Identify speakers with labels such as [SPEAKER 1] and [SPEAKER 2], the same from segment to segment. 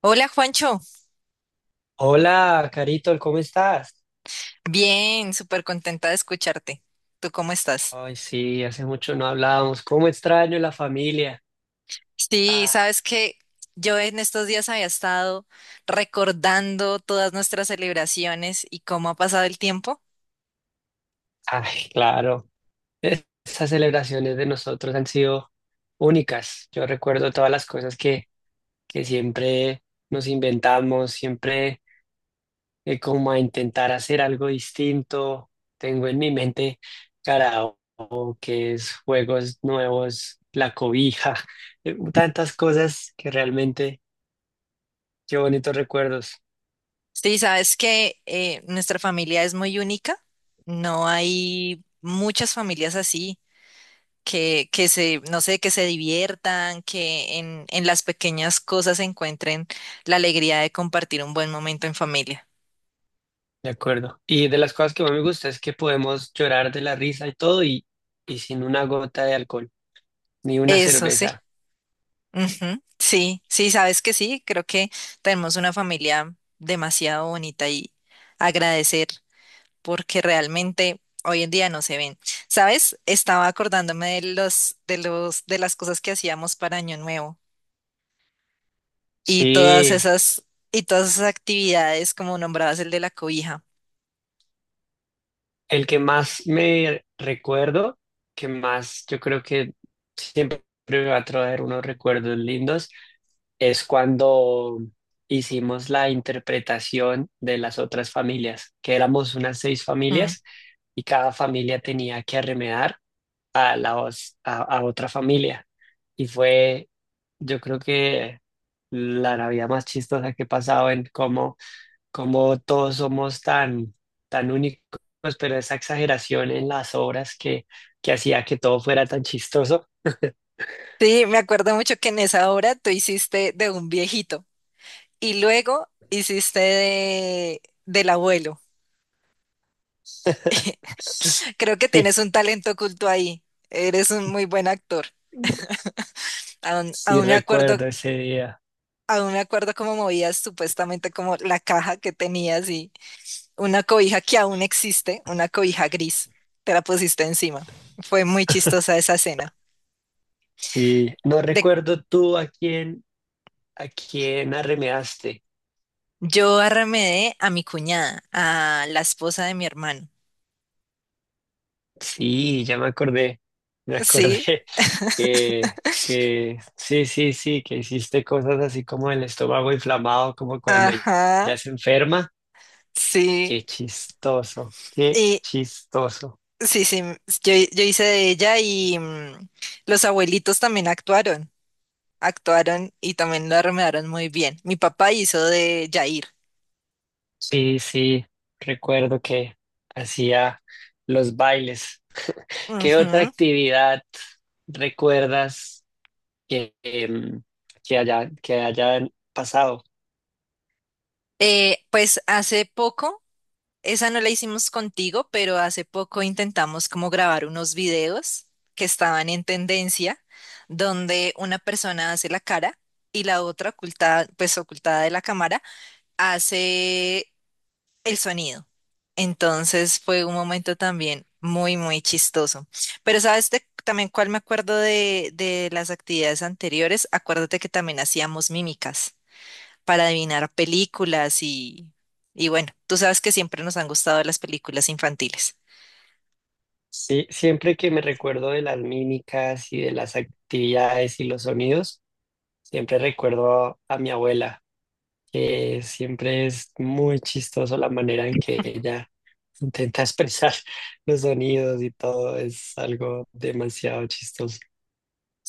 [SPEAKER 1] Hola Juancho,
[SPEAKER 2] Hola, Carito, ¿cómo estás?
[SPEAKER 1] bien, súper contenta de escucharte. ¿Tú cómo estás?
[SPEAKER 2] Ay, sí, hace mucho no hablábamos. ¿Cómo extraño la familia?
[SPEAKER 1] Sí,
[SPEAKER 2] Ah,
[SPEAKER 1] sabes que yo en estos días había estado recordando todas nuestras celebraciones y cómo ha pasado el tiempo.
[SPEAKER 2] ay, claro. Esas celebraciones de nosotros han sido únicas. Yo recuerdo todas las cosas que siempre nos inventamos, siempre como a intentar hacer algo distinto. Tengo en mi mente karaoke, juegos nuevos, la cobija, tantas cosas que realmente, qué bonitos recuerdos.
[SPEAKER 1] Sí, sabes que nuestra familia es muy única, no hay muchas familias así. Que se, no sé, que se diviertan, que en las pequeñas cosas encuentren la alegría de compartir un buen momento en familia.
[SPEAKER 2] De acuerdo. Y de las cosas que más me gusta es que podemos llorar de la risa y todo y sin una gota de alcohol, ni una
[SPEAKER 1] Eso sí.
[SPEAKER 2] cerveza.
[SPEAKER 1] Ujú. Sí, sí, sabes que sí, creo que tenemos una familia demasiado bonita y agradecer porque realmente hoy en día no se ven. ¿Sabes? Estaba acordándome de de las cosas que hacíamos para Año Nuevo y todas
[SPEAKER 2] Sí,
[SPEAKER 1] esas, y todas esas actividades, como nombrabas el de la cobija.
[SPEAKER 2] el que más me recuerdo, que más yo creo que siempre me va a traer unos recuerdos lindos, es cuando hicimos la interpretación de las otras familias, que éramos unas seis
[SPEAKER 1] Mm.
[SPEAKER 2] familias y cada familia tenía que arremedar a, la, os- a otra familia. Y fue, yo creo que la Navidad más chistosa que he pasado en cómo todos somos tan únicos, pero esa exageración en las obras que hacía que todo fuera tan chistoso.
[SPEAKER 1] Sí, me acuerdo mucho que en esa obra tú hiciste de un viejito y luego hiciste del abuelo. Creo que
[SPEAKER 2] Sí,
[SPEAKER 1] tienes un talento oculto ahí. Eres un muy buen actor. Aún,
[SPEAKER 2] sí
[SPEAKER 1] aún me acuerdo,
[SPEAKER 2] recuerdo ese día.
[SPEAKER 1] aún me acuerdo cómo movías supuestamente como la caja que tenías y una cobija que aún existe, una cobija gris. Te la pusiste encima. Fue muy chistosa esa escena.
[SPEAKER 2] Sí, no
[SPEAKER 1] De,
[SPEAKER 2] recuerdo tú a quién arremedaste.
[SPEAKER 1] yo arremedé a mi cuñada, a la esposa de mi hermano.
[SPEAKER 2] Sí, ya me acordé, me
[SPEAKER 1] Sí.
[SPEAKER 2] acordé que, que sí, sí, sí, que hiciste cosas así como el estómago inflamado, como cuando
[SPEAKER 1] Ajá,
[SPEAKER 2] ya se enferma.
[SPEAKER 1] sí.
[SPEAKER 2] Qué chistoso, qué
[SPEAKER 1] Y
[SPEAKER 2] chistoso.
[SPEAKER 1] sí, sí, yo hice de ella y los abuelitos también actuaron. Actuaron y también lo armaron muy bien. Mi papá hizo de Jair.
[SPEAKER 2] Sí, sí, recuerdo que hacía los bailes. ¿Qué otra
[SPEAKER 1] Ujú.
[SPEAKER 2] actividad recuerdas que, que hayan pasado?
[SPEAKER 1] Pues hace poco, esa no la hicimos contigo, pero hace poco intentamos como grabar unos videos que estaban en tendencia, donde una persona hace la cara y la otra ocultada, pues ocultada de la cámara, hace el sonido. Entonces fue un momento también muy, muy chistoso. Pero sabes también cuál me acuerdo de las actividades anteriores. Acuérdate que también hacíamos mímicas para adivinar películas y bueno, tú sabes que siempre nos han gustado las películas infantiles.
[SPEAKER 2] Sí, siempre que me recuerdo de las mímicas y de las actividades y los sonidos, siempre recuerdo a mi abuela, que siempre es muy chistoso la manera en que ella intenta expresar los sonidos y todo, es algo demasiado chistoso.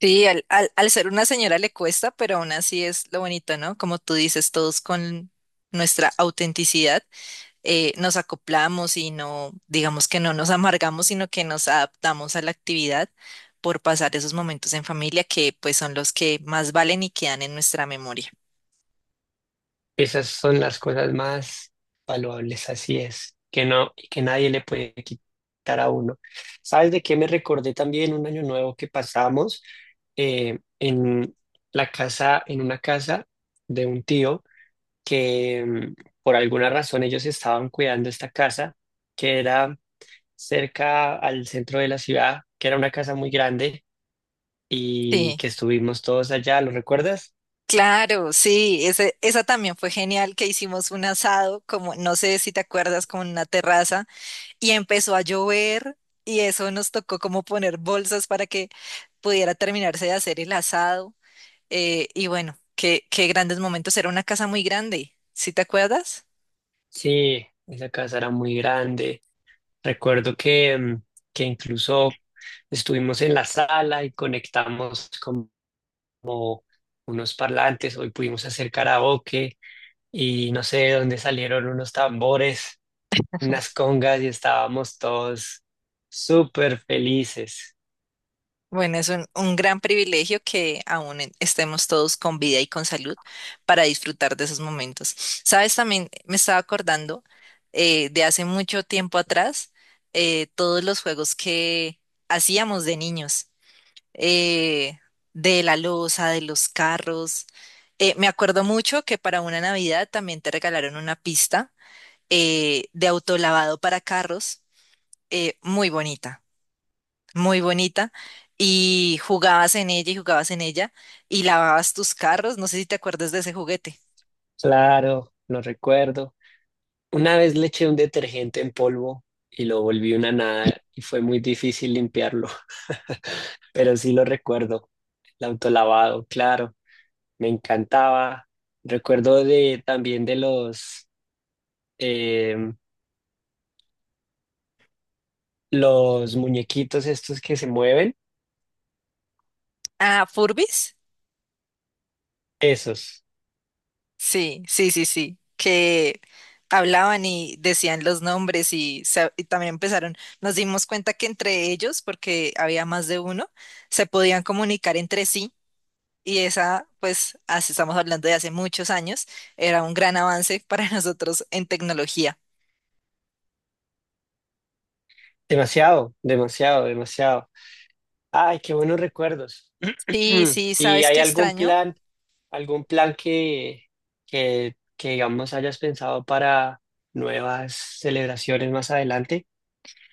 [SPEAKER 1] Sí, al ser una señora le cuesta, pero aún así es lo bonito, ¿no? Como tú dices, todos con nuestra autenticidad. Nos acoplamos y no, digamos que no nos amargamos, sino que nos adaptamos a la actividad por pasar esos momentos en familia que pues son los que más valen y quedan en nuestra memoria.
[SPEAKER 2] Esas son las cosas más valuables, así es, que no, y que nadie le puede quitar a uno. ¿Sabes de qué me recordé también un año nuevo que pasamos en la casa, en una casa de un tío que por alguna razón ellos estaban cuidando esta casa que era cerca al centro de la ciudad, que era una casa muy grande y
[SPEAKER 1] Sí,
[SPEAKER 2] que estuvimos todos allá, ¿lo recuerdas?
[SPEAKER 1] claro, sí, esa también fue genial que hicimos un asado, como no sé si te acuerdas, como en una terraza y empezó a llover y eso nos tocó como poner bolsas para que pudiera terminarse de hacer el asado, y bueno, qué, qué grandes momentos, era una casa muy grande, ¿sí te acuerdas?
[SPEAKER 2] Sí, esa casa era muy grande. Recuerdo que incluso estuvimos en la sala y conectamos como unos parlantes. Hoy pudimos hacer karaoke y no sé de dónde salieron unos tambores, unas congas y estábamos todos súper felices.
[SPEAKER 1] Bueno, es un gran privilegio que aún estemos todos con vida y con salud para disfrutar de esos momentos. Sabes, también me estaba acordando de hace mucho tiempo atrás, todos los juegos que hacíamos de niños, eh, de la loza, de los carros. Me acuerdo mucho que para una Navidad también te regalaron una pista de autolavado para carros, muy bonita, muy bonita, y jugabas en ella y lavabas tus carros. No sé si te acuerdas de ese juguete.
[SPEAKER 2] Claro, lo recuerdo. Una vez le eché un detergente en polvo y lo volví una nada y fue muy difícil limpiarlo, pero sí lo recuerdo. El autolavado, claro. Me encantaba. Recuerdo de, también de los, em, los muñequitos estos que se mueven,
[SPEAKER 1] Ah, Furbis.
[SPEAKER 2] esos.
[SPEAKER 1] Sí, sí, sí, sí. Que hablaban y decían los nombres, y también empezaron. Nos dimos cuenta que entre ellos, porque había más de uno, se podían comunicar entre sí. Y esa, pues, así estamos hablando de hace muchos años, era un gran avance para nosotros en tecnología.
[SPEAKER 2] Demasiado, demasiado, demasiado. Ay, qué buenos recuerdos.
[SPEAKER 1] Sí, sí,
[SPEAKER 2] ¿Y
[SPEAKER 1] ¿sabes
[SPEAKER 2] hay
[SPEAKER 1] qué extraño?
[SPEAKER 2] algún plan que digamos hayas pensado para nuevas celebraciones más adelante?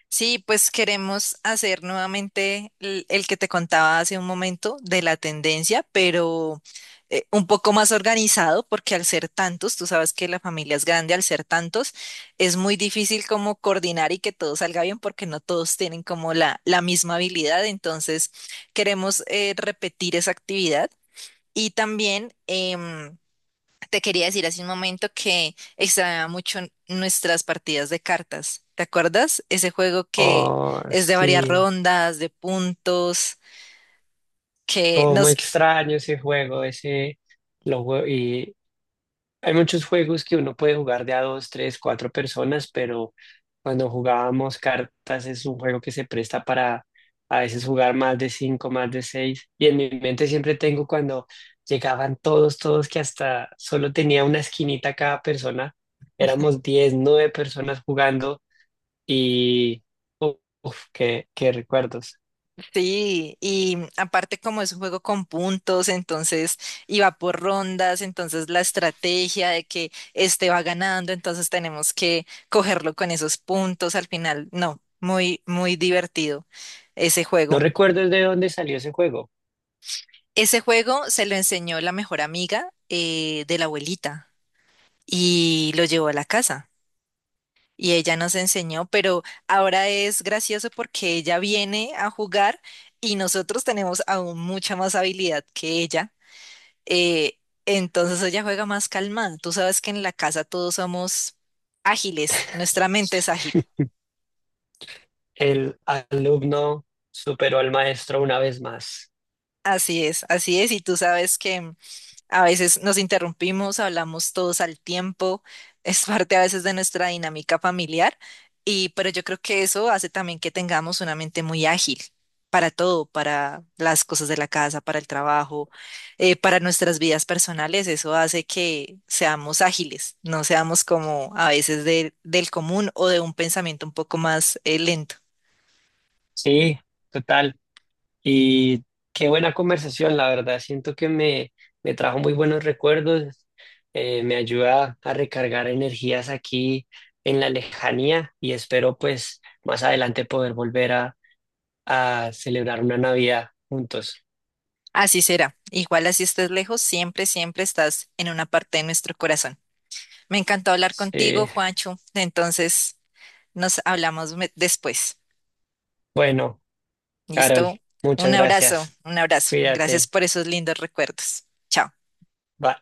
[SPEAKER 1] Sí, pues queremos hacer nuevamente el que te contaba hace un momento de la tendencia, pero un poco más organizado, porque al ser tantos, tú sabes que la familia es grande, al ser tantos, es muy difícil como coordinar y que todo salga bien, porque no todos tienen como la misma habilidad. Entonces, queremos repetir esa actividad y también... te quería decir hace un momento que extrañaba mucho nuestras partidas de cartas. ¿Te acuerdas? Ese juego que
[SPEAKER 2] Oh,
[SPEAKER 1] es de varias
[SPEAKER 2] sí,
[SPEAKER 1] rondas, de puntos, que
[SPEAKER 2] como
[SPEAKER 1] nos...
[SPEAKER 2] extraño ese juego, ese lo jue- y hay muchos juegos que uno puede jugar de a dos, tres, cuatro personas, pero cuando jugábamos cartas es un juego que se presta para a veces jugar más de cinco, más de seis. Y en mi mente siempre tengo cuando llegaban todos, todos que hasta solo tenía una esquinita cada persona. Éramos 10, nueve personas jugando y ¡uf! Uf, qué recuerdos.
[SPEAKER 1] Sí, y aparte como es un juego con puntos, entonces iba por rondas, entonces la estrategia de que este va ganando, entonces tenemos que cogerlo con esos puntos al final. No, muy, muy divertido ese
[SPEAKER 2] No
[SPEAKER 1] juego.
[SPEAKER 2] recuerdo de dónde salió ese juego.
[SPEAKER 1] Ese juego se lo enseñó la mejor amiga de la abuelita, y lo llevó a la casa. Y ella nos enseñó, pero ahora es gracioso porque ella viene a jugar y nosotros tenemos aún mucha más habilidad que ella. eh, entonces ella juega más calmada. Tú sabes que en la casa todos somos ágiles, nuestra mente es ágil.
[SPEAKER 2] El alumno superó al maestro una vez más.
[SPEAKER 1] Así es, así es. Y tú sabes que a veces nos interrumpimos, hablamos todos al tiempo, es parte a veces de nuestra dinámica familiar, y pero yo creo que eso hace también que tengamos una mente muy ágil para todo, para las cosas de la casa, para el trabajo, para nuestras vidas personales. Eso hace que seamos ágiles, no seamos como a veces del común o de un pensamiento un poco más lento.
[SPEAKER 2] Sí, total. Y qué buena conversación, la verdad. Siento que me trajo muy buenos recuerdos, me ayuda a recargar energías aquí en la lejanía y espero pues más adelante poder volver a celebrar una Navidad juntos.
[SPEAKER 1] Así será. Igual así estés lejos, siempre, siempre estás en una parte de nuestro corazón. Me encantó hablar contigo,
[SPEAKER 2] Sí.
[SPEAKER 1] Juancho. Entonces, nos hablamos después.
[SPEAKER 2] Bueno, Carol,
[SPEAKER 1] ¿Listo?
[SPEAKER 2] muchas
[SPEAKER 1] Un abrazo,
[SPEAKER 2] gracias.
[SPEAKER 1] un abrazo. Gracias
[SPEAKER 2] Cuídate.
[SPEAKER 1] por esos lindos recuerdos. Chao.
[SPEAKER 2] Bye.